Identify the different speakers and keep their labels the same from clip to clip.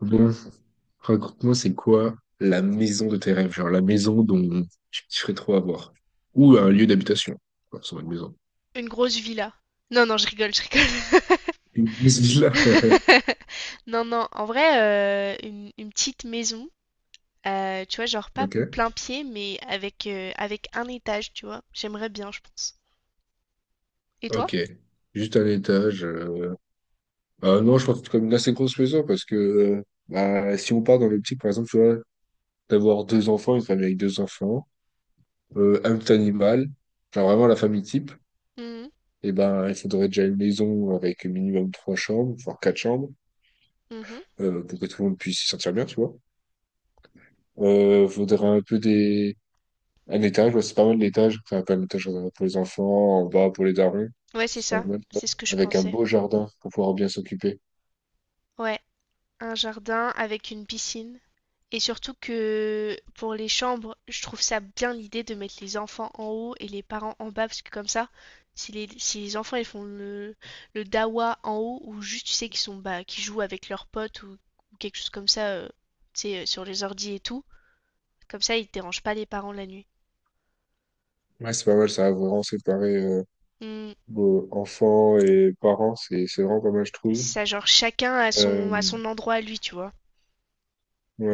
Speaker 1: Bon, raconte-moi, c'est quoi la maison de tes rêves? Genre la maison dont tu kifferais trop avoir. Ou un lieu d'habitation. Enfin, c'est pas une maison.
Speaker 2: Une grosse villa. Non, non, je rigole, je rigole.
Speaker 1: Une maison là.
Speaker 2: Non, non, en vrai, une petite maison, tu vois, genre pas
Speaker 1: Ok.
Speaker 2: plein pied, mais avec un étage, tu vois. J'aimerais bien, je pense. Et toi?
Speaker 1: Ok. Juste un étage. Ah non, je pense que c'est comme une assez grosse maison parce que bah, si on part dans l'optique, par exemple, tu vois, d'avoir deux enfants, une famille avec deux enfants, un petit animal, genre vraiment la famille type,
Speaker 2: Mhm,
Speaker 1: et ben il faudrait déjà une maison avec minimum trois chambres, voire quatre chambres,
Speaker 2: mhm.
Speaker 1: pour que tout le monde puisse s'y sentir bien, tu vois. Faudrait un peu des... un étage, ouais, c'est pas mal l'étage. Enfin, pas un étage pour les enfants, en bas pour les darons.
Speaker 2: Ouais, c'est
Speaker 1: C'est pas
Speaker 2: ça,
Speaker 1: mal ça.
Speaker 2: c'est ce que je
Speaker 1: Avec un
Speaker 2: pensais.
Speaker 1: beau jardin pour pouvoir bien s'occuper.
Speaker 2: Ouais, un jardin avec une piscine. Et surtout que pour les chambres, je trouve ça bien l'idée de mettre les enfants en haut et les parents en bas, parce que comme ça, si les enfants ils font le dawa en haut, ou juste tu sais qu'ils sont bah, qu'ils jouent avec leurs potes ou quelque chose comme ça, tu sais, sur les ordi et tout, comme ça ils te dérangent pas les parents la nuit.
Speaker 1: Ouais, c'est pas mal, ça a vraiment séparé
Speaker 2: Hmm,
Speaker 1: beau- enfants et parents. C'est vraiment pas mal, je
Speaker 2: c'est
Speaker 1: trouve.
Speaker 2: ça, genre chacun à son, à
Speaker 1: Euh,
Speaker 2: son endroit à lui, tu vois.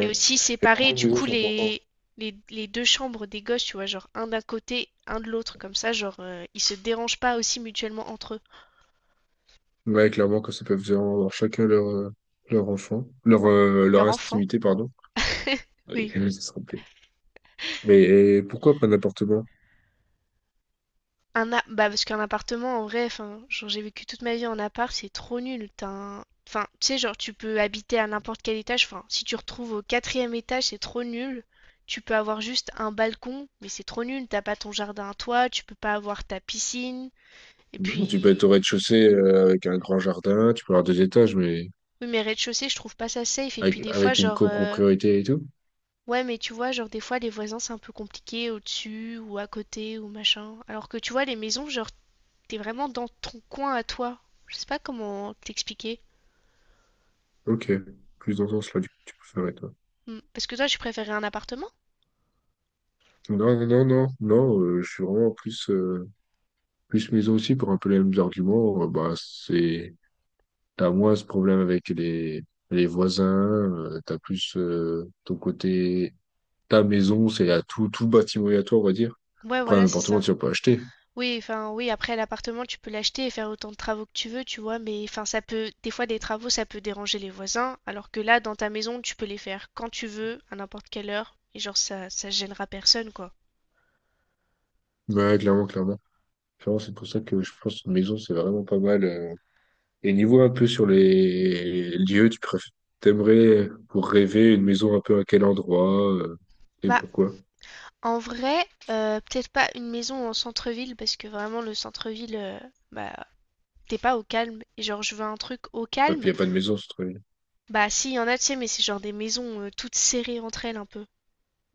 Speaker 2: Et aussi
Speaker 1: et vraiment
Speaker 2: séparer
Speaker 1: une
Speaker 2: du
Speaker 1: maison,
Speaker 2: coup
Speaker 1: c'est important.
Speaker 2: les deux chambres des gosses, tu vois, genre un d'un côté, un de l'autre, comme ça, genre ils se dérangent pas aussi mutuellement entre eux.
Speaker 1: Ouais, clairement, que ça peut vraiment avoir chacun leur, leur enfant, leur, leur
Speaker 2: Leur enfant.
Speaker 1: intimité, pardon. Oui,
Speaker 2: Oui.
Speaker 1: je me suis trompé. Mais et pourquoi pas un appartement?
Speaker 2: Bah parce qu'un appartement, en vrai, enfin, genre j'ai vécu toute ma vie en appart, c'est trop nul. Enfin, tu sais, genre tu peux habiter à n'importe quel étage. Enfin, si tu retrouves au quatrième étage, c'est trop nul. Tu peux avoir juste un balcon, mais c'est trop nul. T'as pas ton jardin à toi, tu peux pas avoir ta piscine. Et
Speaker 1: Non, tu peux être
Speaker 2: puis,
Speaker 1: au rez-de-chaussée avec un grand jardin, tu peux avoir deux étages, mais
Speaker 2: oui, mais rez-de-chaussée, je trouve pas ça safe. Et puis
Speaker 1: avec,
Speaker 2: des fois,
Speaker 1: avec une
Speaker 2: genre,
Speaker 1: copropriété et tout.
Speaker 2: Ouais, mais tu vois, genre des fois les voisins c'est un peu compliqué au-dessus ou à côté ou machin. Alors que tu vois, les maisons, genre t'es vraiment dans ton coin à toi. Je sais pas comment t'expliquer.
Speaker 1: Ok, plus dans ce sens-là, du coup, tu préférais, toi.
Speaker 2: Hmm. Parce que toi, tu préférais un appartement?
Speaker 1: Non, je suis vraiment plus, plus maison aussi pour un peu les mêmes arguments. Bah, c'est, t'as moins ce problème avec les voisins, t'as plus ton côté, ta maison, c'est à tout, tout bâtiment est à toi, on va dire.
Speaker 2: Ouais,
Speaker 1: Après,
Speaker 2: voilà,
Speaker 1: un
Speaker 2: c'est
Speaker 1: appartement,
Speaker 2: ça.
Speaker 1: tu vas pas acheter.
Speaker 2: Oui, enfin, oui, après l'appartement, tu peux l'acheter et faire autant de travaux que tu veux, tu vois, mais enfin, ça peut, des fois, des travaux, ça peut déranger les voisins, alors que là, dans ta maison, tu peux les faire quand tu veux, à n'importe quelle heure, et genre, ça gênera personne, quoi.
Speaker 1: Ouais, clairement, clairement. Clairement, c'est pour ça que je pense que maison, c'est vraiment pas mal. Et niveau un peu sur les lieux, tu préfères, t'aimerais pour rêver une maison un peu à quel endroit et
Speaker 2: Bah,
Speaker 1: pourquoi?
Speaker 2: en vrai, peut-être pas une maison en centre-ville parce que vraiment le centre-ville, bah, t'es pas au calme. Et genre, je veux un truc au
Speaker 1: Ah,
Speaker 2: calme.
Speaker 1: puis il n'y a pas de maison, c'est trop bien.
Speaker 2: Bah, si, y en a, tu sais, mais c'est genre des maisons toutes serrées entre elles un peu.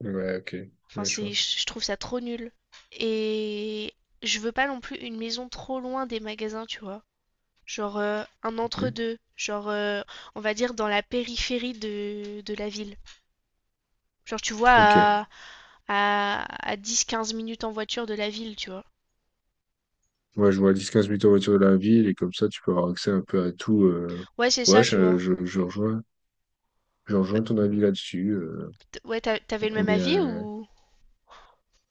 Speaker 1: Ouais, ok.
Speaker 2: Enfin,
Speaker 1: Ouais, je vois.
Speaker 2: c'est, je trouve ça trop nul. Et je veux pas non plus une maison trop loin des magasins, tu vois. Genre un
Speaker 1: Ok.
Speaker 2: entre-deux. Genre, on va dire dans la périphérie de la ville. Genre, tu vois,
Speaker 1: Ok.
Speaker 2: à 10 15 minutes en voiture de la ville, tu vois.
Speaker 1: Moi, je vois 10-15 minutes en voiture de la ville et comme ça, tu peux avoir accès un peu à tout.
Speaker 2: Ouais, c'est
Speaker 1: Ouais,
Speaker 2: ça, tu vois.
Speaker 1: je rejoins ton avis là-dessus.
Speaker 2: Ouais, t'avais
Speaker 1: Donc,
Speaker 2: le
Speaker 1: on
Speaker 2: même
Speaker 1: est
Speaker 2: avis
Speaker 1: à-
Speaker 2: ou...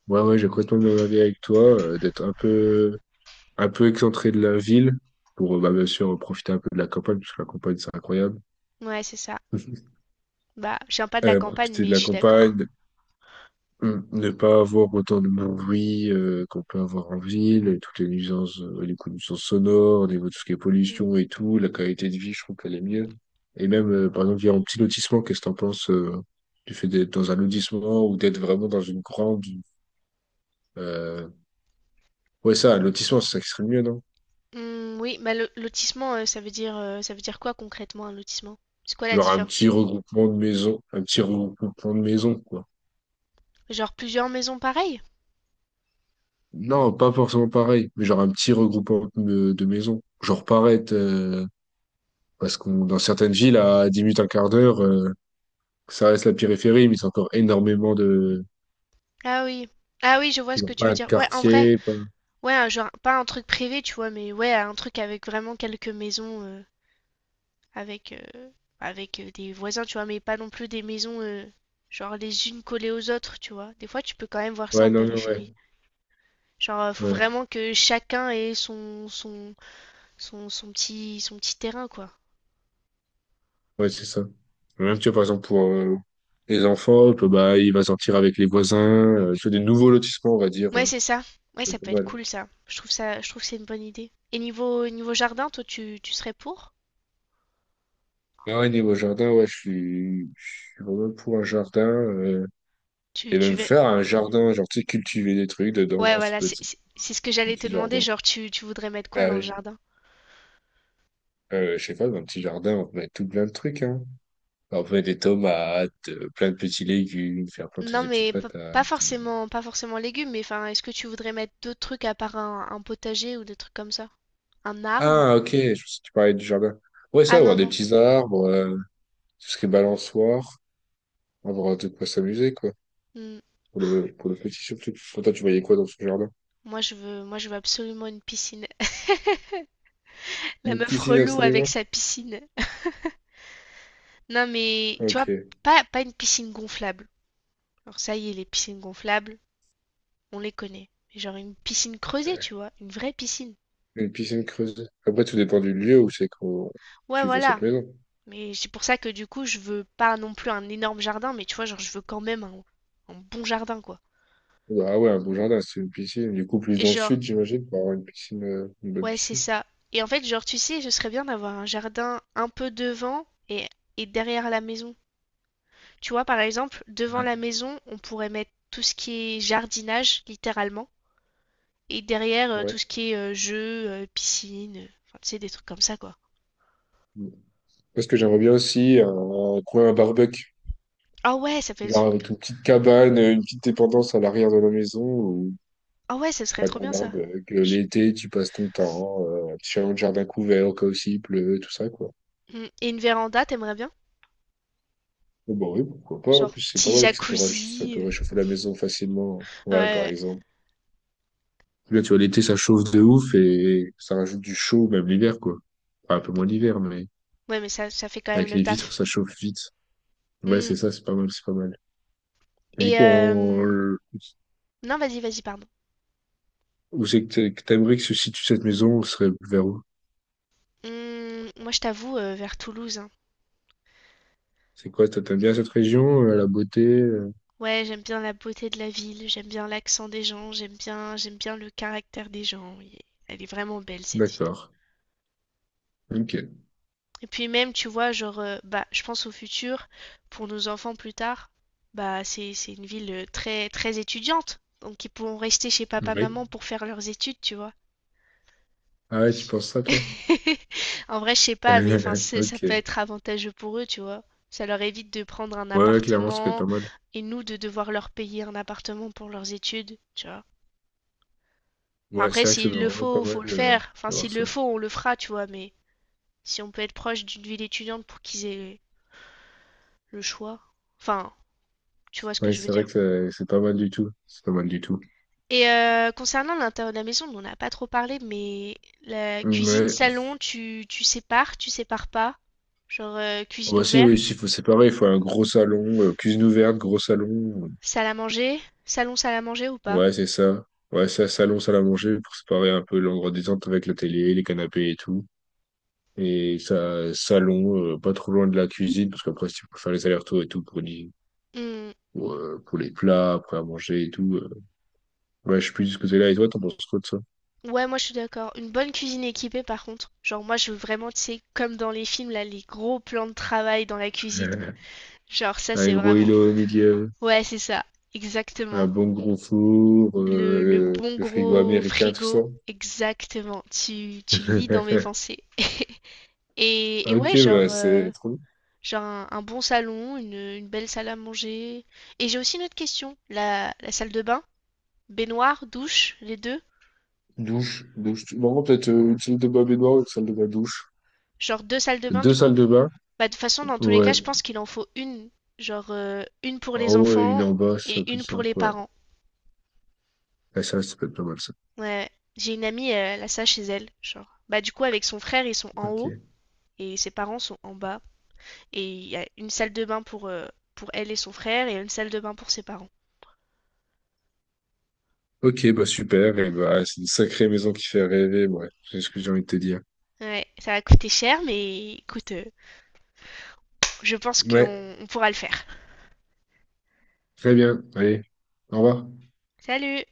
Speaker 1: Ouais, ouais, j'ai complètement le même avis avec toi, d'être un peu excentré de la ville pour, bah, bien sûr, profiter un peu de la campagne, parce que la campagne, c'est incroyable.
Speaker 2: Ouais, c'est ça. Bah, je viens pas de la campagne,
Speaker 1: Profiter de
Speaker 2: mais je
Speaker 1: la
Speaker 2: suis d'accord.
Speaker 1: campagne, mm, ne pas avoir autant de bruit qu'on peut avoir en ville, et toutes les nuisances, les coups de nuisances sonores, au niveau de tout ce qui est
Speaker 2: Mm.
Speaker 1: pollution et tout, la qualité de vie, je trouve qu'elle est mieux. Et même, par exemple, via un petit lotissement, qu'est-ce que t'en penses du fait d'être dans un lotissement ou d'être vraiment dans une grande... Euh... Ouais, ça, un lotissement, c'est ça qui serait mieux, non?
Speaker 2: Mm, oui, bah, lotissement, ça veut dire quoi concrètement un lotissement? C'est quoi la
Speaker 1: Genre un petit
Speaker 2: différence?
Speaker 1: regroupement de maisons, un petit regroupement de maisons, quoi.
Speaker 2: Genre plusieurs maisons pareilles?
Speaker 1: Non, pas forcément pareil, mais genre un petit regroupement de maisons. Genre paraître parce que dans certaines villes, à 10 minutes, un quart d'heure, ça reste la périphérie, mais c'est encore énormément de...
Speaker 2: Ah oui. Ah oui, je vois ce que
Speaker 1: Genre
Speaker 2: tu
Speaker 1: pas
Speaker 2: veux
Speaker 1: un
Speaker 2: dire. Ouais, en vrai.
Speaker 1: quartier, pas...
Speaker 2: Ouais, un genre, pas un truc privé, tu vois, mais ouais, un truc avec vraiment quelques maisons, avec, euh, avec des voisins, tu vois, mais pas non plus des maisons, genre les unes collées aux autres, tu vois. Des fois, tu peux quand même voir ça
Speaker 1: Ouais,
Speaker 2: en
Speaker 1: non, non, ouais.
Speaker 2: périphérie. Genre, faut
Speaker 1: Ouais,
Speaker 2: vraiment que chacun ait son petit terrain, quoi.
Speaker 1: ouais, c'est ça. Même, tu vois, par exemple, pour les enfants, que, bah, il va sortir avec les voisins, tu vois, des nouveaux lotissements, on va dire.
Speaker 2: Ouais,
Speaker 1: Hein.
Speaker 2: c'est ça. Ouais,
Speaker 1: Ça va
Speaker 2: ça
Speaker 1: être pas
Speaker 2: peut être
Speaker 1: mal.
Speaker 2: cool, ça. Je trouve ça, je trouve que c'est une bonne idée. Et niveau jardin, toi, tu serais pour?
Speaker 1: Mais ouais, niveau jardin, ouais, je, suis, je suis vraiment pour un jardin.
Speaker 2: Tu,
Speaker 1: Et
Speaker 2: tu
Speaker 1: même
Speaker 2: veux...
Speaker 1: faire un jardin, genre, tu sais, cultiver des trucs
Speaker 2: Ouais,
Speaker 1: dedans, ça
Speaker 2: voilà,
Speaker 1: peut
Speaker 2: c'est
Speaker 1: être
Speaker 2: c'est- c'est ce que
Speaker 1: un
Speaker 2: j'allais te
Speaker 1: petit
Speaker 2: demander.
Speaker 1: jardin.
Speaker 2: Genre, tu voudrais mettre quoi
Speaker 1: Ah
Speaker 2: dans le
Speaker 1: oui.
Speaker 2: jardin?
Speaker 1: Je sais pas, dans un petit jardin, on peut mettre tout plein de trucs, hein. Enlever des tomates, plein de petits légumes, faire planter
Speaker 2: Non,
Speaker 1: des petites
Speaker 2: mais pas
Speaker 1: patates.
Speaker 2: forcément, pas forcément légumes, mais enfin, est-ce que tu voudrais mettre d'autres trucs à part un potager ou des trucs comme ça? Un arbre?
Speaker 1: Ah, ok, je pensais que tu parlais du jardin. Ouais, ça,
Speaker 2: Ah
Speaker 1: avoir
Speaker 2: non,
Speaker 1: des
Speaker 2: non.
Speaker 1: petits arbres, tout ce qui est balançoire, avoir de quoi s'amuser, quoi.
Speaker 2: Hmm.
Speaker 1: Pour le petit surtout. Pour toi, tu voyais quoi dans ce jardin?
Speaker 2: Moi, je veux absolument une piscine. La
Speaker 1: Une
Speaker 2: meuf
Speaker 1: piscine,
Speaker 2: relou avec
Speaker 1: absolument?
Speaker 2: sa piscine. Non, mais tu vois,
Speaker 1: Ok.
Speaker 2: pas une piscine gonflable. Alors ça y est, les piscines gonflables, on les connaît. Mais genre une piscine creusée, tu vois, une vraie piscine.
Speaker 1: Une piscine creusée. Après, tout dépend du lieu où c'est qu'on,
Speaker 2: Ouais,
Speaker 1: tu veux cette
Speaker 2: voilà.
Speaker 1: maison.
Speaker 2: Mais c'est pour ça que du coup, je veux pas non plus un énorme jardin, mais tu vois, genre, je veux quand même un bon jardin, quoi.
Speaker 1: Ah ouais, un beau jardin, c'est une piscine. Du coup, plus
Speaker 2: Et
Speaker 1: dans le sud,
Speaker 2: genre,
Speaker 1: j'imagine, pour avoir une piscine, une bonne
Speaker 2: ouais, c'est
Speaker 1: piscine.
Speaker 2: ça. Et en fait, genre, tu sais, ce serait bien d'avoir un jardin un peu devant et derrière la maison. Tu vois, par exemple, devant la maison, on pourrait mettre tout ce qui est jardinage, littéralement. Et derrière, tout
Speaker 1: Ouais.
Speaker 2: ce qui est jeux, piscine, enfin, tu sais, des trucs comme ça, quoi.
Speaker 1: Parce que j'aimerais bien aussi un coin à barbecue.
Speaker 2: Ah ouais, ça
Speaker 1: Genre
Speaker 2: fait une gra-
Speaker 1: avec une petite cabane, une petite dépendance à l'arrière de la maison où
Speaker 2: Ah ouais, ça serait
Speaker 1: ouais,
Speaker 2: trop
Speaker 1: t'as un
Speaker 2: bien, ça.
Speaker 1: arbre, que
Speaker 2: Je-
Speaker 1: l'été, tu passes ton temps, tu as un jardin couvert au cas où s'il pleut, tout ça, quoi.
Speaker 2: Mm. Et une véranda, t'aimerais bien?
Speaker 1: Bon, bah oui, pourquoi pas. En
Speaker 2: Genre,
Speaker 1: plus, c'est pas
Speaker 2: petit
Speaker 1: mal, puis ça peut, rach- ça
Speaker 2: jacuzzi.
Speaker 1: peut réchauffer la maison facilement.
Speaker 2: Ouais,
Speaker 1: Ouais, par
Speaker 2: ouais,
Speaker 1: exemple. Là, tu vois, l'été, ça chauffe de ouf et ça rajoute du chaud, même l'hiver, quoi. Enfin, un peu
Speaker 2: Hmm.
Speaker 1: moins l'hiver, mais
Speaker 2: Ouais, mais ça fait quand même
Speaker 1: avec
Speaker 2: le
Speaker 1: les vitres,
Speaker 2: taf.
Speaker 1: ça chauffe vite. Ouais,
Speaker 2: Mm.
Speaker 1: c'est ça, c'est pas mal, c'est pas mal. Et du
Speaker 2: Et,
Speaker 1: coup,
Speaker 2: euh,
Speaker 1: en-
Speaker 2: Non, vas-y, vas-y, pardon.
Speaker 1: où c'est que t'a- que t'aimerais que se situe cette maison? Ce serait vers où?
Speaker 2: Mm, moi, je t'avoue, vers Toulouse, hein.
Speaker 1: C'est quoi, toi, t'aimes bien cette région, la beauté?
Speaker 2: Ouais, j'aime bien la beauté de la ville, j'aime bien l'accent des gens, j'aime bien le caractère des gens. Elle est vraiment belle, cette ville.
Speaker 1: D'accord. Ok.
Speaker 2: Et puis même, tu vois, genre, bah, je pense au futur, pour nos enfants plus tard, bah, c'est une ville très, très étudiante. Donc ils pourront rester chez papa,
Speaker 1: Oui.
Speaker 2: maman pour faire leurs études, tu vois.
Speaker 1: Ah ouais, tu penses ça, toi?
Speaker 2: En vrai, je sais pas, mais enfin, ça peut
Speaker 1: Ok.
Speaker 2: être avantageux pour eux, tu vois. Ça leur évite de prendre un
Speaker 1: Ouais, ouais, clairement, ça peut être pas
Speaker 2: appartement
Speaker 1: mal.
Speaker 2: et nous de devoir leur payer un appartement pour leurs études, tu vois. Enfin,
Speaker 1: Ouais,
Speaker 2: après,
Speaker 1: c'est vrai que ça peut
Speaker 2: s'il le
Speaker 1: vraiment être pas
Speaker 2: faut, faut le
Speaker 1: mal
Speaker 2: faire. Enfin,
Speaker 1: d'avoir
Speaker 2: s'il
Speaker 1: ça.
Speaker 2: le faut, on le fera, tu vois. Mais si on peut être proche d'une ville étudiante pour qu'ils aient le choix. Enfin, tu vois ce que
Speaker 1: Ouais,
Speaker 2: je veux
Speaker 1: c'est vrai
Speaker 2: dire.
Speaker 1: que ça- c'est pas mal du tout. C'est pas mal du tout.
Speaker 2: Et concernant l'intérieur de la maison, on n'a pas trop parlé, mais la
Speaker 1: Mmh,
Speaker 2: cuisine,
Speaker 1: ouais.
Speaker 2: salon, tu sépares, tu sépares pas? Genre
Speaker 1: Moi
Speaker 2: cuisine
Speaker 1: aussi, oui, si,
Speaker 2: ouverte,
Speaker 1: faut- c'est pareil, il faut un gros salon, cuisine ouverte, gros salon.
Speaker 2: salle à manger, salon, salle à manger ou pas?
Speaker 1: Ouais, c'est ça. Ouais, ça, salon, salle à manger pour séparer un peu l'endroit détente avec la télé, les canapés et tout. Et ça, salon, pas trop loin de la cuisine, parce qu'après, si tu peux faire les allers-retours et tout
Speaker 2: Hmm.
Speaker 1: pour les plats, après à manger et tout. Ouais, je suis plus de ce que là. Et toi, t'en penses quoi de ça?
Speaker 2: Ouais, moi je suis d'accord. Une bonne cuisine équipée par contre. Genre moi je veux vraiment, tu sais, comme dans les films, là, les gros plans de travail dans la cuisine. Genre ça
Speaker 1: Un
Speaker 2: c'est
Speaker 1: gros
Speaker 2: vraiment...
Speaker 1: îlot au milieu,
Speaker 2: Ouais, c'est ça,
Speaker 1: un
Speaker 2: exactement.
Speaker 1: bon gros four,
Speaker 2: Le bon
Speaker 1: le frigo
Speaker 2: gros
Speaker 1: américain, tout ça.
Speaker 2: frigo, exactement. Tu lis dans mes pensées. Et
Speaker 1: Ok,
Speaker 2: ouais,
Speaker 1: bah,
Speaker 2: genre...
Speaker 1: c'est trop bien.
Speaker 2: Genre un bon salon, une belle salle à manger. Et j'ai aussi une autre question. La salle de bain, baignoire, douche, les deux.
Speaker 1: Douche, douche. Bon, peut-être une salle de bain baignoire, une salle de bain douche.
Speaker 2: Genre deux salles de bain
Speaker 1: Deux
Speaker 2: du
Speaker 1: salles
Speaker 2: coup.
Speaker 1: de bain?
Speaker 2: Bah, de toute façon, dans tous les cas,
Speaker 1: Ouais.
Speaker 2: je pense qu'il en faut une. Genre une pour
Speaker 1: En
Speaker 2: les
Speaker 1: haut et une
Speaker 2: enfants
Speaker 1: en bas, ça,
Speaker 2: et
Speaker 1: plus
Speaker 2: une
Speaker 1: ça.
Speaker 2: pour les
Speaker 1: Ouais.
Speaker 2: parents.
Speaker 1: Ah, ça peut être pas mal, ça.
Speaker 2: Ouais. J'ai une amie, elle a ça chez elle. Genre. Bah du coup, avec son frère, ils sont en haut
Speaker 1: Ok.
Speaker 2: et ses parents sont en bas. Et il y a une salle de bain pour elle et son frère et une salle de bain pour ses parents.
Speaker 1: Ok, bah super. Et bah, c'est une sacrée maison qui fait rêver. Ouais, c'est ce que j'ai envie de te dire.
Speaker 2: Ouais, ça va coûter cher, mais écoute, je pense
Speaker 1: Ouais,
Speaker 2: qu'on pourra le faire.
Speaker 1: très bien. Allez, au revoir.
Speaker 2: Salut